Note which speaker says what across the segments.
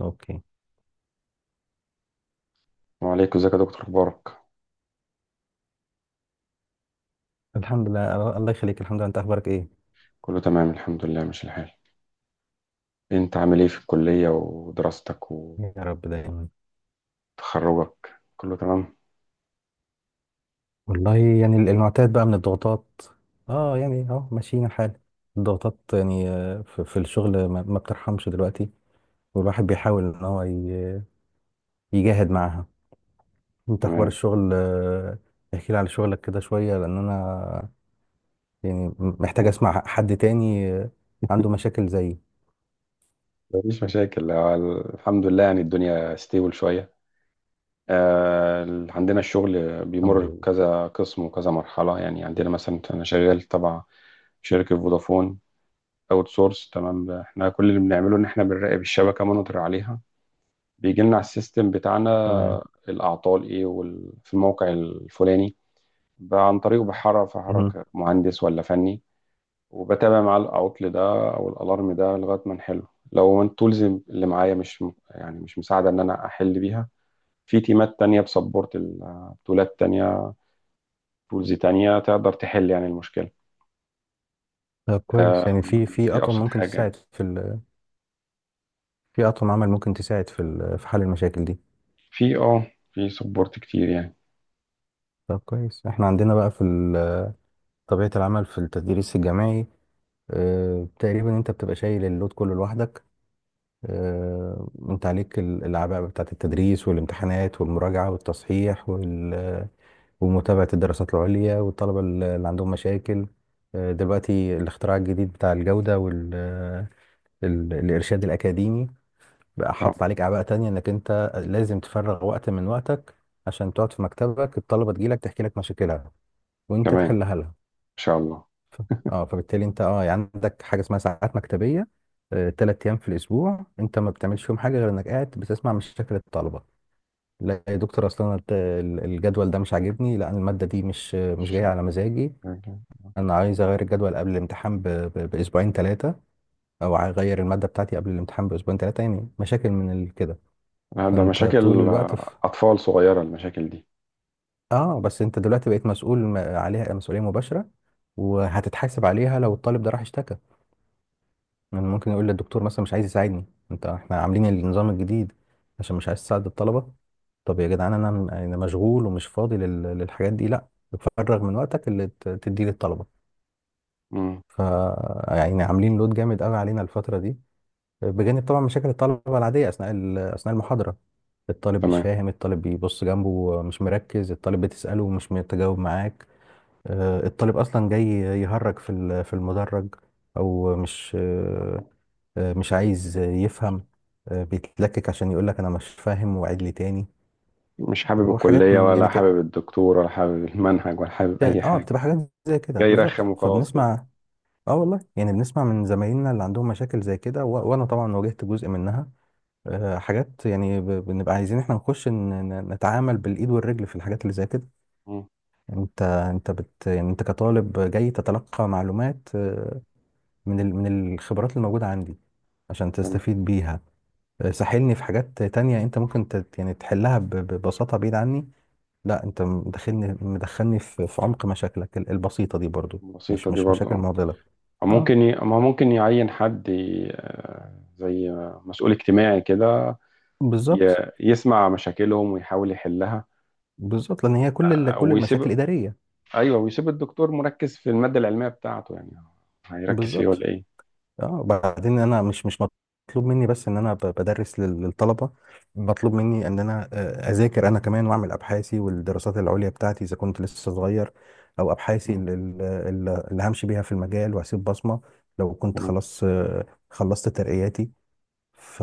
Speaker 1: اوكي.
Speaker 2: وعليكم، ازيك يا دكتور؟ اخبارك
Speaker 1: الحمد لله. الله يخليك. الحمد لله. انت اخبارك ايه؟
Speaker 2: كله تمام الحمد لله، ماشي الحال. انت عامل ايه في الكلية ودراستك
Speaker 1: يا رب دايما.
Speaker 2: وتخرجك؟ كله تمام.
Speaker 1: والله الحمد يعني لله المعتاد بقى من الضغوطات. اه يعني اهو ماشيين الحال. الضغوطات يعني، في الشغل ما بترحمش دلوقتي. والواحد بيحاول ان هو يجاهد معاها. انت اخبار
Speaker 2: تمام،
Speaker 1: الشغل؟ احكي لي على شغلك كده شوية، لان انا يعني محتاج اسمع حد تاني، عنده مشاكل زيي.
Speaker 2: مفيش مشاكل. اه، الحمد لله، يعني الدنيا ستيبل شوية. عندنا الشغل
Speaker 1: الحمد
Speaker 2: بيمر
Speaker 1: لله.
Speaker 2: بكذا قسم وكذا مرحلة، يعني عندنا مثلا أنا شغال تبع شركة فودافون اوت سورس. تمام، احنا كل اللي بنعمله إن احنا بنراقب الشبكة، مونيتور عليها. بيجي لنا على السيستم بتاعنا
Speaker 1: تمام.
Speaker 2: الأعطال إيه وال- في الموقع الفلاني، بقى عن طريقه بحرك في
Speaker 1: مهم.
Speaker 2: حركة مهندس ولا فني. وبتابع معاه العطل ده او الالارم ده لغايه ما نحله. لو التولز اللي معايا مش م- يعني مش مساعده ان انا احل بيها، في تيمات تانية بسبورت تولات تانية، تولز تانية تقدر تحل يعني المشكلة.
Speaker 1: طب كويس،
Speaker 2: آه،
Speaker 1: يعني في
Speaker 2: دي
Speaker 1: اطقم
Speaker 2: ابسط
Speaker 1: ممكن
Speaker 2: حاجه يعني.
Speaker 1: تساعد في. في أطقم عمل ممكن تساعد في في حل المشاكل دي.
Speaker 2: في في سبورت كتير يعني.
Speaker 1: طب كويس، احنا عندنا بقى في طبيعة العمل في التدريس الجامعي. اه تقريبا انت بتبقى شايل اللود كله لوحدك. اه انت عليك الأعباء بتاعة التدريس والامتحانات والمراجعة والتصحيح ومتابعة الدراسات العليا والطلبة اللي عندهم مشاكل. دلوقتي الاختراع الجديد بتاع الجودة والإرشاد الأكاديمي بقى
Speaker 2: اه
Speaker 1: حاطط عليك اعباء تانية، انك انت لازم تفرغ وقت من وقتك عشان تقعد في مكتبك، الطلبة تجيلك تحكي لك مشاكلها وانت
Speaker 2: كمان ان
Speaker 1: تحلها لها.
Speaker 2: شاء الله.
Speaker 1: ف- اه فبالتالي انت يعني عندك حاجة اسمها ساعات مكتبية. تلات ايام في الاسبوع انت ما بتعملش فيهم حاجة غير انك قاعد بتسمع مشاكل الطلبة. لا يا دكتور، اصلا أنا الجدول ده مش عاجبني، لا أنا المادة دي مش جاية على مزاجي.
Speaker 2: أوكي.
Speaker 1: انا عايز اغير الجدول قبل الامتحان باسبوعين ثلاثة، او اغير المادة بتاعتي قبل الامتحان باسبوعين ثلاثة، يعني مشاكل من كده.
Speaker 2: ده
Speaker 1: فانت طول
Speaker 2: مشاكل،
Speaker 1: الوقت في.
Speaker 2: اطفال صغيره المشاكل دي.
Speaker 1: اه بس انت دلوقتي بقيت مسؤول عليها مسؤولية مباشرة، وهتتحاسب عليها لو الطالب ده راح اشتكى. يعني ممكن يقول للدكتور مثلا مش عايز يساعدني، انت احنا عاملين النظام الجديد عشان مش عايز تساعد الطلبة. طب يا جدعان، انا انا مشغول ومش فاضي للحاجات دي. لا، تفرغ من وقتك اللي تديه للطلبة.
Speaker 2: مم.
Speaker 1: ف يعني عاملين لود جامد قوي علينا الفترة دي، بجانب طبعا مشاكل الطلبة العادية اثناء اثناء المحاضرة. الطالب مش
Speaker 2: تمام.
Speaker 1: فاهم، الطالب بيبص جنبه مش مركز، الطالب بتسأله ومش متجاوب معاك. الطالب اصلا جاي يهرج في في المدرج، او مش، مش عايز يفهم. بيتلكك عشان يقول لك انا مش فاهم وعيد لي تاني.
Speaker 2: مش حابب
Speaker 1: وحاجات
Speaker 2: الكلية
Speaker 1: من
Speaker 2: ولا
Speaker 1: يعني
Speaker 2: حابب الدكتور ولا حابب المنهج ولا حابب أي
Speaker 1: اه
Speaker 2: حاجة،
Speaker 1: بتبقى حاجات زي كده
Speaker 2: جاي يرخم
Speaker 1: بالظبط،
Speaker 2: وخلاص كده.
Speaker 1: فبنسمع. اه والله يعني بنسمع من زمايلنا اللي عندهم مشاكل زي كده وانا طبعا واجهت جزء منها. حاجات يعني بنبقى عايزين احنا نخش نتعامل بالايد والرجل في الحاجات اللي زي كده.
Speaker 2: مم.
Speaker 1: انت يعني انت كطالب جاي تتلقى معلومات من من الخبرات الموجودة عندي عشان
Speaker 2: تمام.
Speaker 1: تستفيد بيها. ساحلني في حاجات تانية انت ممكن يعني تحلها ببساطة بعيد عني. لا، انت مدخلني في عمق مشاكلك البسيطة دي برضو.
Speaker 2: بسيطة
Speaker 1: مش
Speaker 2: دي
Speaker 1: مش
Speaker 2: برضه
Speaker 1: مشاكل
Speaker 2: اه
Speaker 1: معضلة.
Speaker 2: أو
Speaker 1: اه
Speaker 2: ما ممكن يعين حد ي... آه، زي مسؤول اجتماعي كده،
Speaker 1: بالظبط.
Speaker 2: يسمع مشاكلهم ويحاول يحلها.
Speaker 1: بالظبط لان هي كل
Speaker 2: آه،
Speaker 1: كل المشاكل
Speaker 2: ويسيب
Speaker 1: إدارية.
Speaker 2: أيوه، ويسيب الدكتور مركز في المادة العلمية بتاعته، يعني هيركز فيه
Speaker 1: بالظبط.
Speaker 2: ولا إيه؟
Speaker 1: اه بعدين انا مش مطلوب مني بس ان انا بدرس للطلبه. مطلوب مني ان انا اذاكر انا كمان، واعمل ابحاثي والدراسات العليا بتاعتي اذا كنت لسه صغير، او ابحاثي
Speaker 2: مم.
Speaker 1: اللي همشي بيها في المجال وهسيب بصمه لو كنت
Speaker 2: تمام.
Speaker 1: خلاص خلصت ترقياتي. ف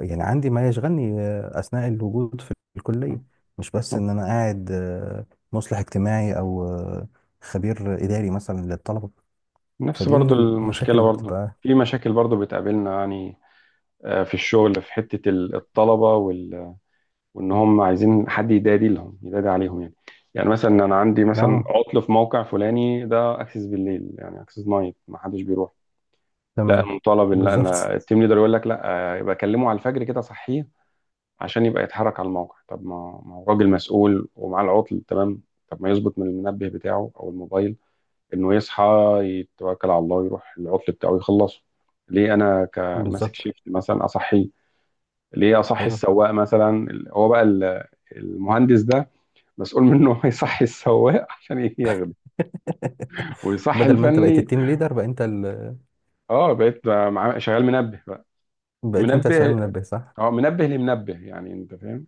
Speaker 1: يعني عندي ما يشغلني اثناء الوجود في الكليه، مش بس
Speaker 2: مم.
Speaker 1: ان انا قاعد مصلح اجتماعي او خبير اداري مثلا للطلبه.
Speaker 2: نفس
Speaker 1: فدي
Speaker 2: برضو
Speaker 1: من المشاكل
Speaker 2: المشكلة،
Speaker 1: اللي
Speaker 2: برضو
Speaker 1: بتبقى.
Speaker 2: في مشاكل برضو بتقابلنا يعني. في الشغل في حتة الطلبة، وان هم عايزين حد يدادي لهم يدادي عليهم يعني. يعني مثلا انا عندي مثلا
Speaker 1: اه،
Speaker 2: عطل في موقع فلاني ده، اكسس بالليل يعني اكسس نايت، ما حدش بيروح. لا،
Speaker 1: تمام،
Speaker 2: مطالب ان انا
Speaker 1: بالظبط،
Speaker 2: التيم ليدر يقول لك لا، يبقى كلمه على الفجر كده صحيه عشان يبقى يتحرك على الموقع. طب ما هو راجل مسؤول ومعاه العطل، تمام. طب ما يظبط من المنبه بتاعه او الموبايل انه يصحى، يتوكل على الله ويروح العطل بتاعه يخلصه. ليه انا كماسك
Speaker 1: بالظبط،
Speaker 2: شيفت مثلا اصحيه؟ ليه اصحي
Speaker 1: ايوه.
Speaker 2: السواق مثلا؟ هو بقى المهندس ده مسؤول منه. هو يصحي السواق عشان ياخده ويصحي
Speaker 1: بدل ما انت بقيت
Speaker 2: الفني.
Speaker 1: التيم ليدر بقى انت
Speaker 2: اه بقيت شغال منبه بقى،
Speaker 1: بقيت انت شغال
Speaker 2: منبه.
Speaker 1: منبه، صح.
Speaker 2: اه منبه لمنبه يعني، انت فاهم،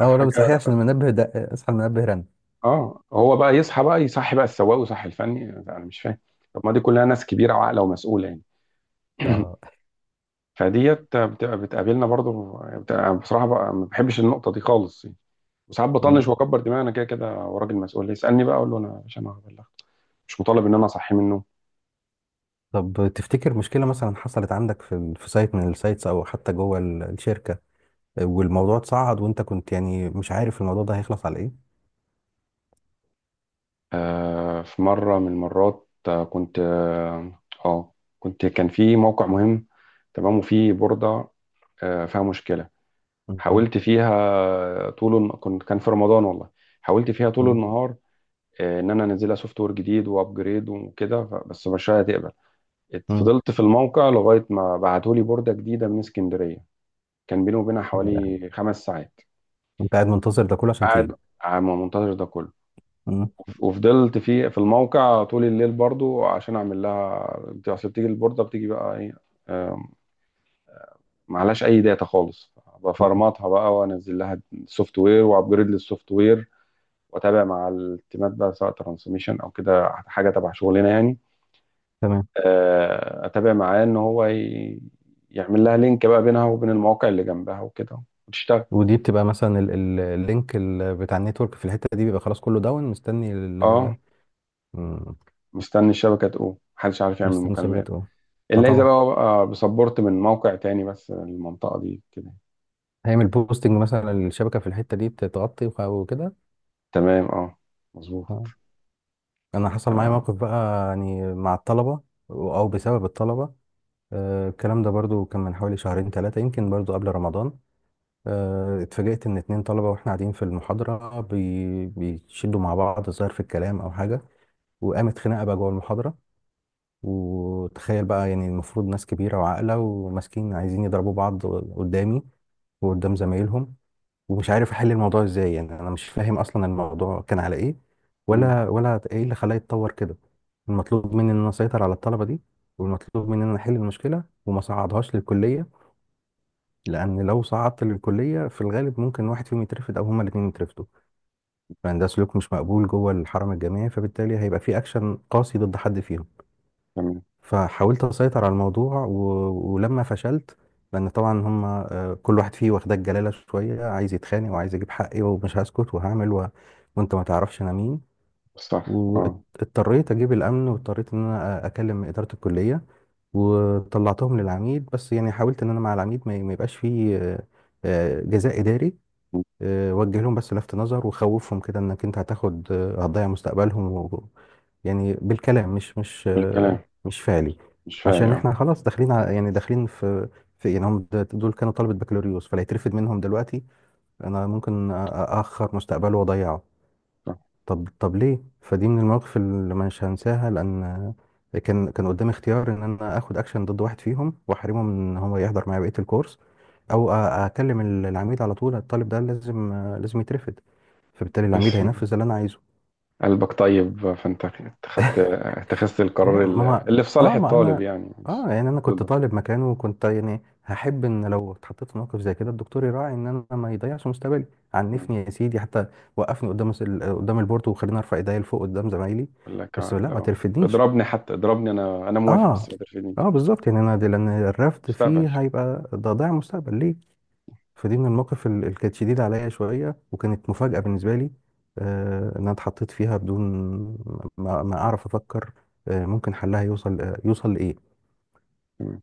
Speaker 1: اه
Speaker 2: حاجه.
Speaker 1: لا صحيح، عشان المنبه ده اصحى المنبه رن.
Speaker 2: اه هو بقى يصحي بقى السواق ويصحي الفني، انا مش فاهم. طب ما دي كلها ناس كبيره وعاقله ومسؤوله يعني.
Speaker 1: اه.
Speaker 2: فديت بتبقى بتقابلنا برضو، بتبقى بصراحه بقى ما بحبش النقطه دي خالص يعني. وساعات بطنش
Speaker 1: مم.
Speaker 2: واكبر دماغي، انا كده كده. وراجل مسؤول يسالني بقى اقول له انا مش، انا هبلغ، مش مطالب ان انا اصحي منه.
Speaker 1: طب تفتكر مشكله مثلا حصلت عندك في في سايت من السايتس، او حتى جوه الشركه، والموضوع اتصعد وانت كنت يعني مش عارف الموضوع ده هيخلص على ايه؟
Speaker 2: في مرة من المرات، آه، كنت اه آه، كنت كان في موقع مهم، تمام، وفي بوردة فيها مشكلة.
Speaker 1: مم.
Speaker 2: حاولت فيها طول الن- كنت كان في رمضان والله، حاولت فيها طول
Speaker 1: مم.
Speaker 2: النهار. ان انا انزلها سوفت وير جديد وابجريد وكده، بس مش هتقبل.
Speaker 1: مم.
Speaker 2: فضلت في الموقع لغاية ما بعتولي بوردة جديدة من اسكندرية. كان بيني وبينها
Speaker 1: يا لهوي،
Speaker 2: حوالي 5 ساعات.
Speaker 1: انت قاعد منتظر ده كله عشان
Speaker 2: قاعد
Speaker 1: تيجي.
Speaker 2: عم منتظر ده كله.
Speaker 1: مم.
Speaker 2: وفضلت في الموقع طول الليل برضو عشان اعمل لها اصل بتيجي البورده بتيجي بقى ايه. آم، معلهاش اي داتا خالص،
Speaker 1: مم.
Speaker 2: بفرمطها بقى وانزل لها سوفت وير وابجريد للسوفت وير. واتابع مع التيمات بقى سواء ترانسميشن او كده، حاجه تبع شغلنا يعني.
Speaker 1: تمام.
Speaker 2: اتابع معاه ان هو يعمل لها لينك بقى بينها وبين المواقع اللي جنبها وكده، وتشتغل.
Speaker 1: ودي بتبقى مثلا اللينك بتاع النتورك في الحته دي، بيبقى خلاص كله داون، مستني
Speaker 2: اه
Speaker 1: مم،
Speaker 2: مستني الشبكه تقوم، محدش عارف يعمل
Speaker 1: مستني الشبكه
Speaker 2: مكالمات
Speaker 1: تقوم. اه
Speaker 2: الا اذا
Speaker 1: طبعا،
Speaker 2: بقى بسبورت من موقع تاني، بس المنطقه دي كده.
Speaker 1: هيعمل بوستنج مثلا، الشبكه في الحته دي بتتغطي وكده.
Speaker 2: تمام. اه مظبوط.
Speaker 1: آه. انا حصل معايا
Speaker 2: آه.
Speaker 1: موقف بقى يعني مع الطلبه، او بسبب الطلبه. الكلام ده برضو كان من حوالي شهرين ثلاثه يمكن، برضو قبل رمضان. اتفاجئت ان اتنين طلبه واحنا قاعدين في المحاضره بيشدوا مع بعض، ظاهر في الكلام او حاجه، وقامت خناقه بقى جوه المحاضره. وتخيل بقى يعني المفروض ناس كبيرة وعاقلة، وماسكين عايزين يضربوا بعض قدامي وقدام زمايلهم، ومش عارف احل الموضوع ازاي، يعني انا مش فاهم اصلا الموضوع كان على ايه،
Speaker 2: مم.
Speaker 1: ولا ايه اللي خلاه يتطور كده. المطلوب مني ان انا اسيطر على الطلبة دي، والمطلوب مني ان انا احل المشكلة وما صعدهاش للكلية، لان لو صعدت للكلية في الغالب ممكن واحد فيهم يترفد او هما الاتنين يترفدوا، لان ده سلوك مش مقبول جوه الحرم الجامعي، فبالتالي هيبقى في اكشن قاسي ضد حد فيهم.
Speaker 2: تمام.
Speaker 1: فحاولت اسيطر على الموضوع ولما فشلت، لان طبعا هم كل واحد فيه واخدك جلاله شويه، عايز يتخانق، وعايز اجيب حقي ومش هسكت وهعمل، وانت ما تعرفش انا مين.
Speaker 2: صح. اه
Speaker 1: واضطريت اجيب الامن، واضطريت ان انا اكلم اداره الكليه، وطلعتهم للعميد، بس يعني حاولت ان انا مع العميد ما يبقاش فيه جزاء اداري. وجه لهم بس لفت نظر، وخوفهم كده انك انت هتاخد هتضيع مستقبلهم يعني بالكلام، مش
Speaker 2: بالكلام
Speaker 1: مش فعلي.
Speaker 2: مش فعلي.
Speaker 1: عشان
Speaker 2: اه
Speaker 1: احنا خلاص داخلين على يعني داخلين في، في إيه، يعني هم دول كانوا طلبة بكالوريوس، فلا يترفد منهم دلوقتي، انا ممكن اخر مستقبله واضيعه.
Speaker 2: صح.
Speaker 1: طب ليه، فدي من المواقف اللي مش هنساها، لان كان قدامي اختيار ان انا اخد اكشن ضد واحد فيهم واحرمه من ان هو يحضر معايا بقيه الكورس، او اكلم العميد على طول الطالب ده لازم يترفد، فبالتالي العميد
Speaker 2: بس
Speaker 1: هينفذ اللي انا عايزه.
Speaker 2: قلبك طيب، فانت اتخذت
Speaker 1: لا
Speaker 2: القرار اللي في صالح
Speaker 1: اه ما
Speaker 2: الطالب
Speaker 1: انا،
Speaker 2: يعني،
Speaker 1: اه
Speaker 2: مش
Speaker 1: يعني انا كنت
Speaker 2: ضده.
Speaker 1: طالب مكانه، وكنت يعني هحب ان لو اتحطيت في موقف زي كده الدكتور يراعي ان انا ما يضيعش مستقبلي.
Speaker 2: مم.
Speaker 1: عنفني يا سيدي حتى، وقفني قدام قدام البورتو، وخليني ارفع ايديا لفوق قدام زمايلي،
Speaker 2: يقول لك
Speaker 1: بس لا ما
Speaker 2: لو
Speaker 1: ترفدنيش.
Speaker 2: اضربني حتى اضربني انا موافق
Speaker 1: اه،
Speaker 2: بس ما ترفدنيش.
Speaker 1: اه بالظبط، يعني انا دي لان الرفض
Speaker 2: مستقبل.
Speaker 1: فيه هيبقى ده ضياع مستقبل ليه. فدي من المواقف اللي كانت شديده عليا شويه، وكانت مفاجاه بالنسبه لي، آه ان انا اتحطيت فيها بدون ما
Speaker 2: مم.
Speaker 1: اعرف افكر آه ممكن حلها يوصل آه يوصل لايه.
Speaker 2: تمام.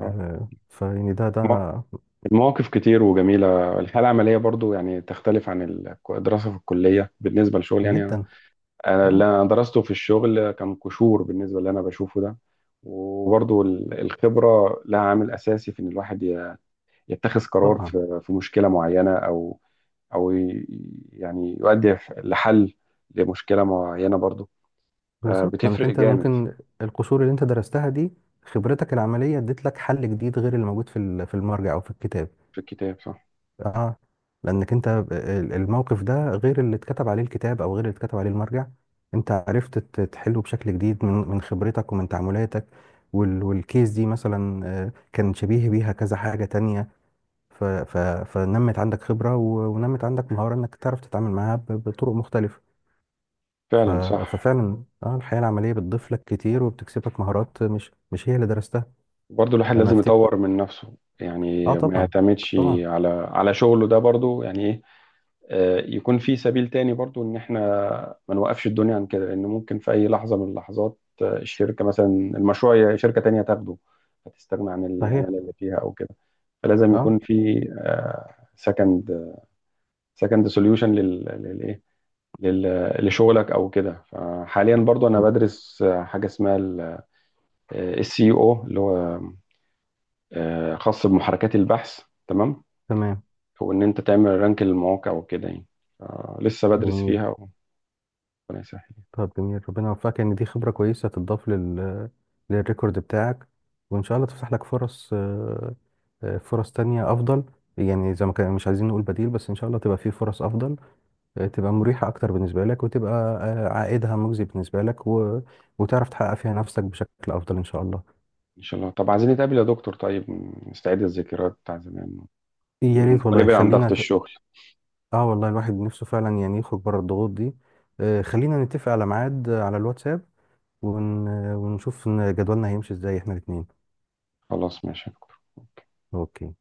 Speaker 2: آه.
Speaker 1: فيعني ده.
Speaker 2: الم- المواقف كتير وجميلة. الحالة العملية برضو يعني تختلف عن الدراسة في الكلية بالنسبة للشغل يعني.
Speaker 1: جدا.
Speaker 2: انا اللي
Speaker 1: اه
Speaker 2: انا درسته في الشغل كان قشور بالنسبه اللي انا بشوفه ده. وبرضو الخبره لها عامل اساسي في ان الواحد يتخذ قرار
Speaker 1: طبعا.
Speaker 2: في مشكله معينه، او ي- يعني يؤدي لحل لمشكله معينه برضو،
Speaker 1: بالظبط، لانك
Speaker 2: فبتفرق
Speaker 1: انت
Speaker 2: جامد.
Speaker 1: ممكن، القشور اللي انت درستها دي، خبرتك العمليه اديت لك حل جديد غير اللي موجود في في المرجع او في الكتاب.
Speaker 2: في الكتاب صح.
Speaker 1: اه لانك انت الموقف ده غير اللي اتكتب عليه الكتاب او غير اللي اتكتب عليه المرجع، انت عرفت تحله بشكل جديد من من خبرتك ومن تعاملاتك. والكيس دي مثلا كان شبيه بيها كذا حاجة تانية. ف- ف- فنمت عندك خبرة ونمت عندك مهارة انك تعرف تتعامل معاها بطرق مختلفة. ف-
Speaker 2: فعلا صح.
Speaker 1: ففعلا اه الحياة العملية بتضيف لك كتير، وبتكسبك مهارات مش هي اللي درستها.
Speaker 2: برضو الواحد
Speaker 1: انا
Speaker 2: لازم
Speaker 1: افتكر،
Speaker 2: يطور من نفسه
Speaker 1: اه
Speaker 2: يعني، ما
Speaker 1: طبعا،
Speaker 2: يعتمدش
Speaker 1: طبعا،
Speaker 2: على شغله ده برضو يعني ايه. يكون في سبيل تاني برضو ان احنا ما نوقفش الدنيا عن كده، لان ممكن في اي لحظه من اللحظات الشركه مثلا المشروع شركه تانية تاخده، هتستغنى عن
Speaker 1: صحيح،
Speaker 2: العماله اللي فيها او كده. فلازم
Speaker 1: اه
Speaker 2: يكون في سكند سكند سوليوشن للايه لشغلك او كده. فحاليا برضو انا
Speaker 1: م-
Speaker 2: بدرس حاجه اسمها السي او، اللي هو خاص بمحركات البحث. تمام.
Speaker 1: تمام،
Speaker 2: وان انت تعمل رانك للمواقع وكده يعني. لسه بدرس
Speaker 1: جميل.
Speaker 2: فيها وربنا يسهل،
Speaker 1: طب جميل، ربنا يوفقك، ان دي خبرة كويسة تضاف للريكورد بتاعك. وان شاء الله تفتح لك فرص، فرص تانية افضل. يعني زي ما كان مش عايزين نقول بديل، بس ان شاء الله تبقى في فرص افضل، تبقى مريحة اكتر بالنسبة لك، وتبقى عائدها مجزي بالنسبة لك، وتعرف تحقق فيها نفسك بشكل افضل ان شاء الله.
Speaker 2: ان شاء الله. طب عايزين نتقابل يا دكتور، طيب نستعيد الذكريات بتاع زمان
Speaker 1: يا ريت والله،
Speaker 2: ونبعد عن
Speaker 1: خلينا
Speaker 2: ضغط الشغل.
Speaker 1: اه والله الواحد نفسه فعلا يعني يخرج بره الضغوط دي. خلينا نتفق على ميعاد على الواتساب ون... ونشوف إن جدولنا هيمشي ازاي احنا الاتنين.
Speaker 2: خلاص، ماشي.
Speaker 1: اوكي.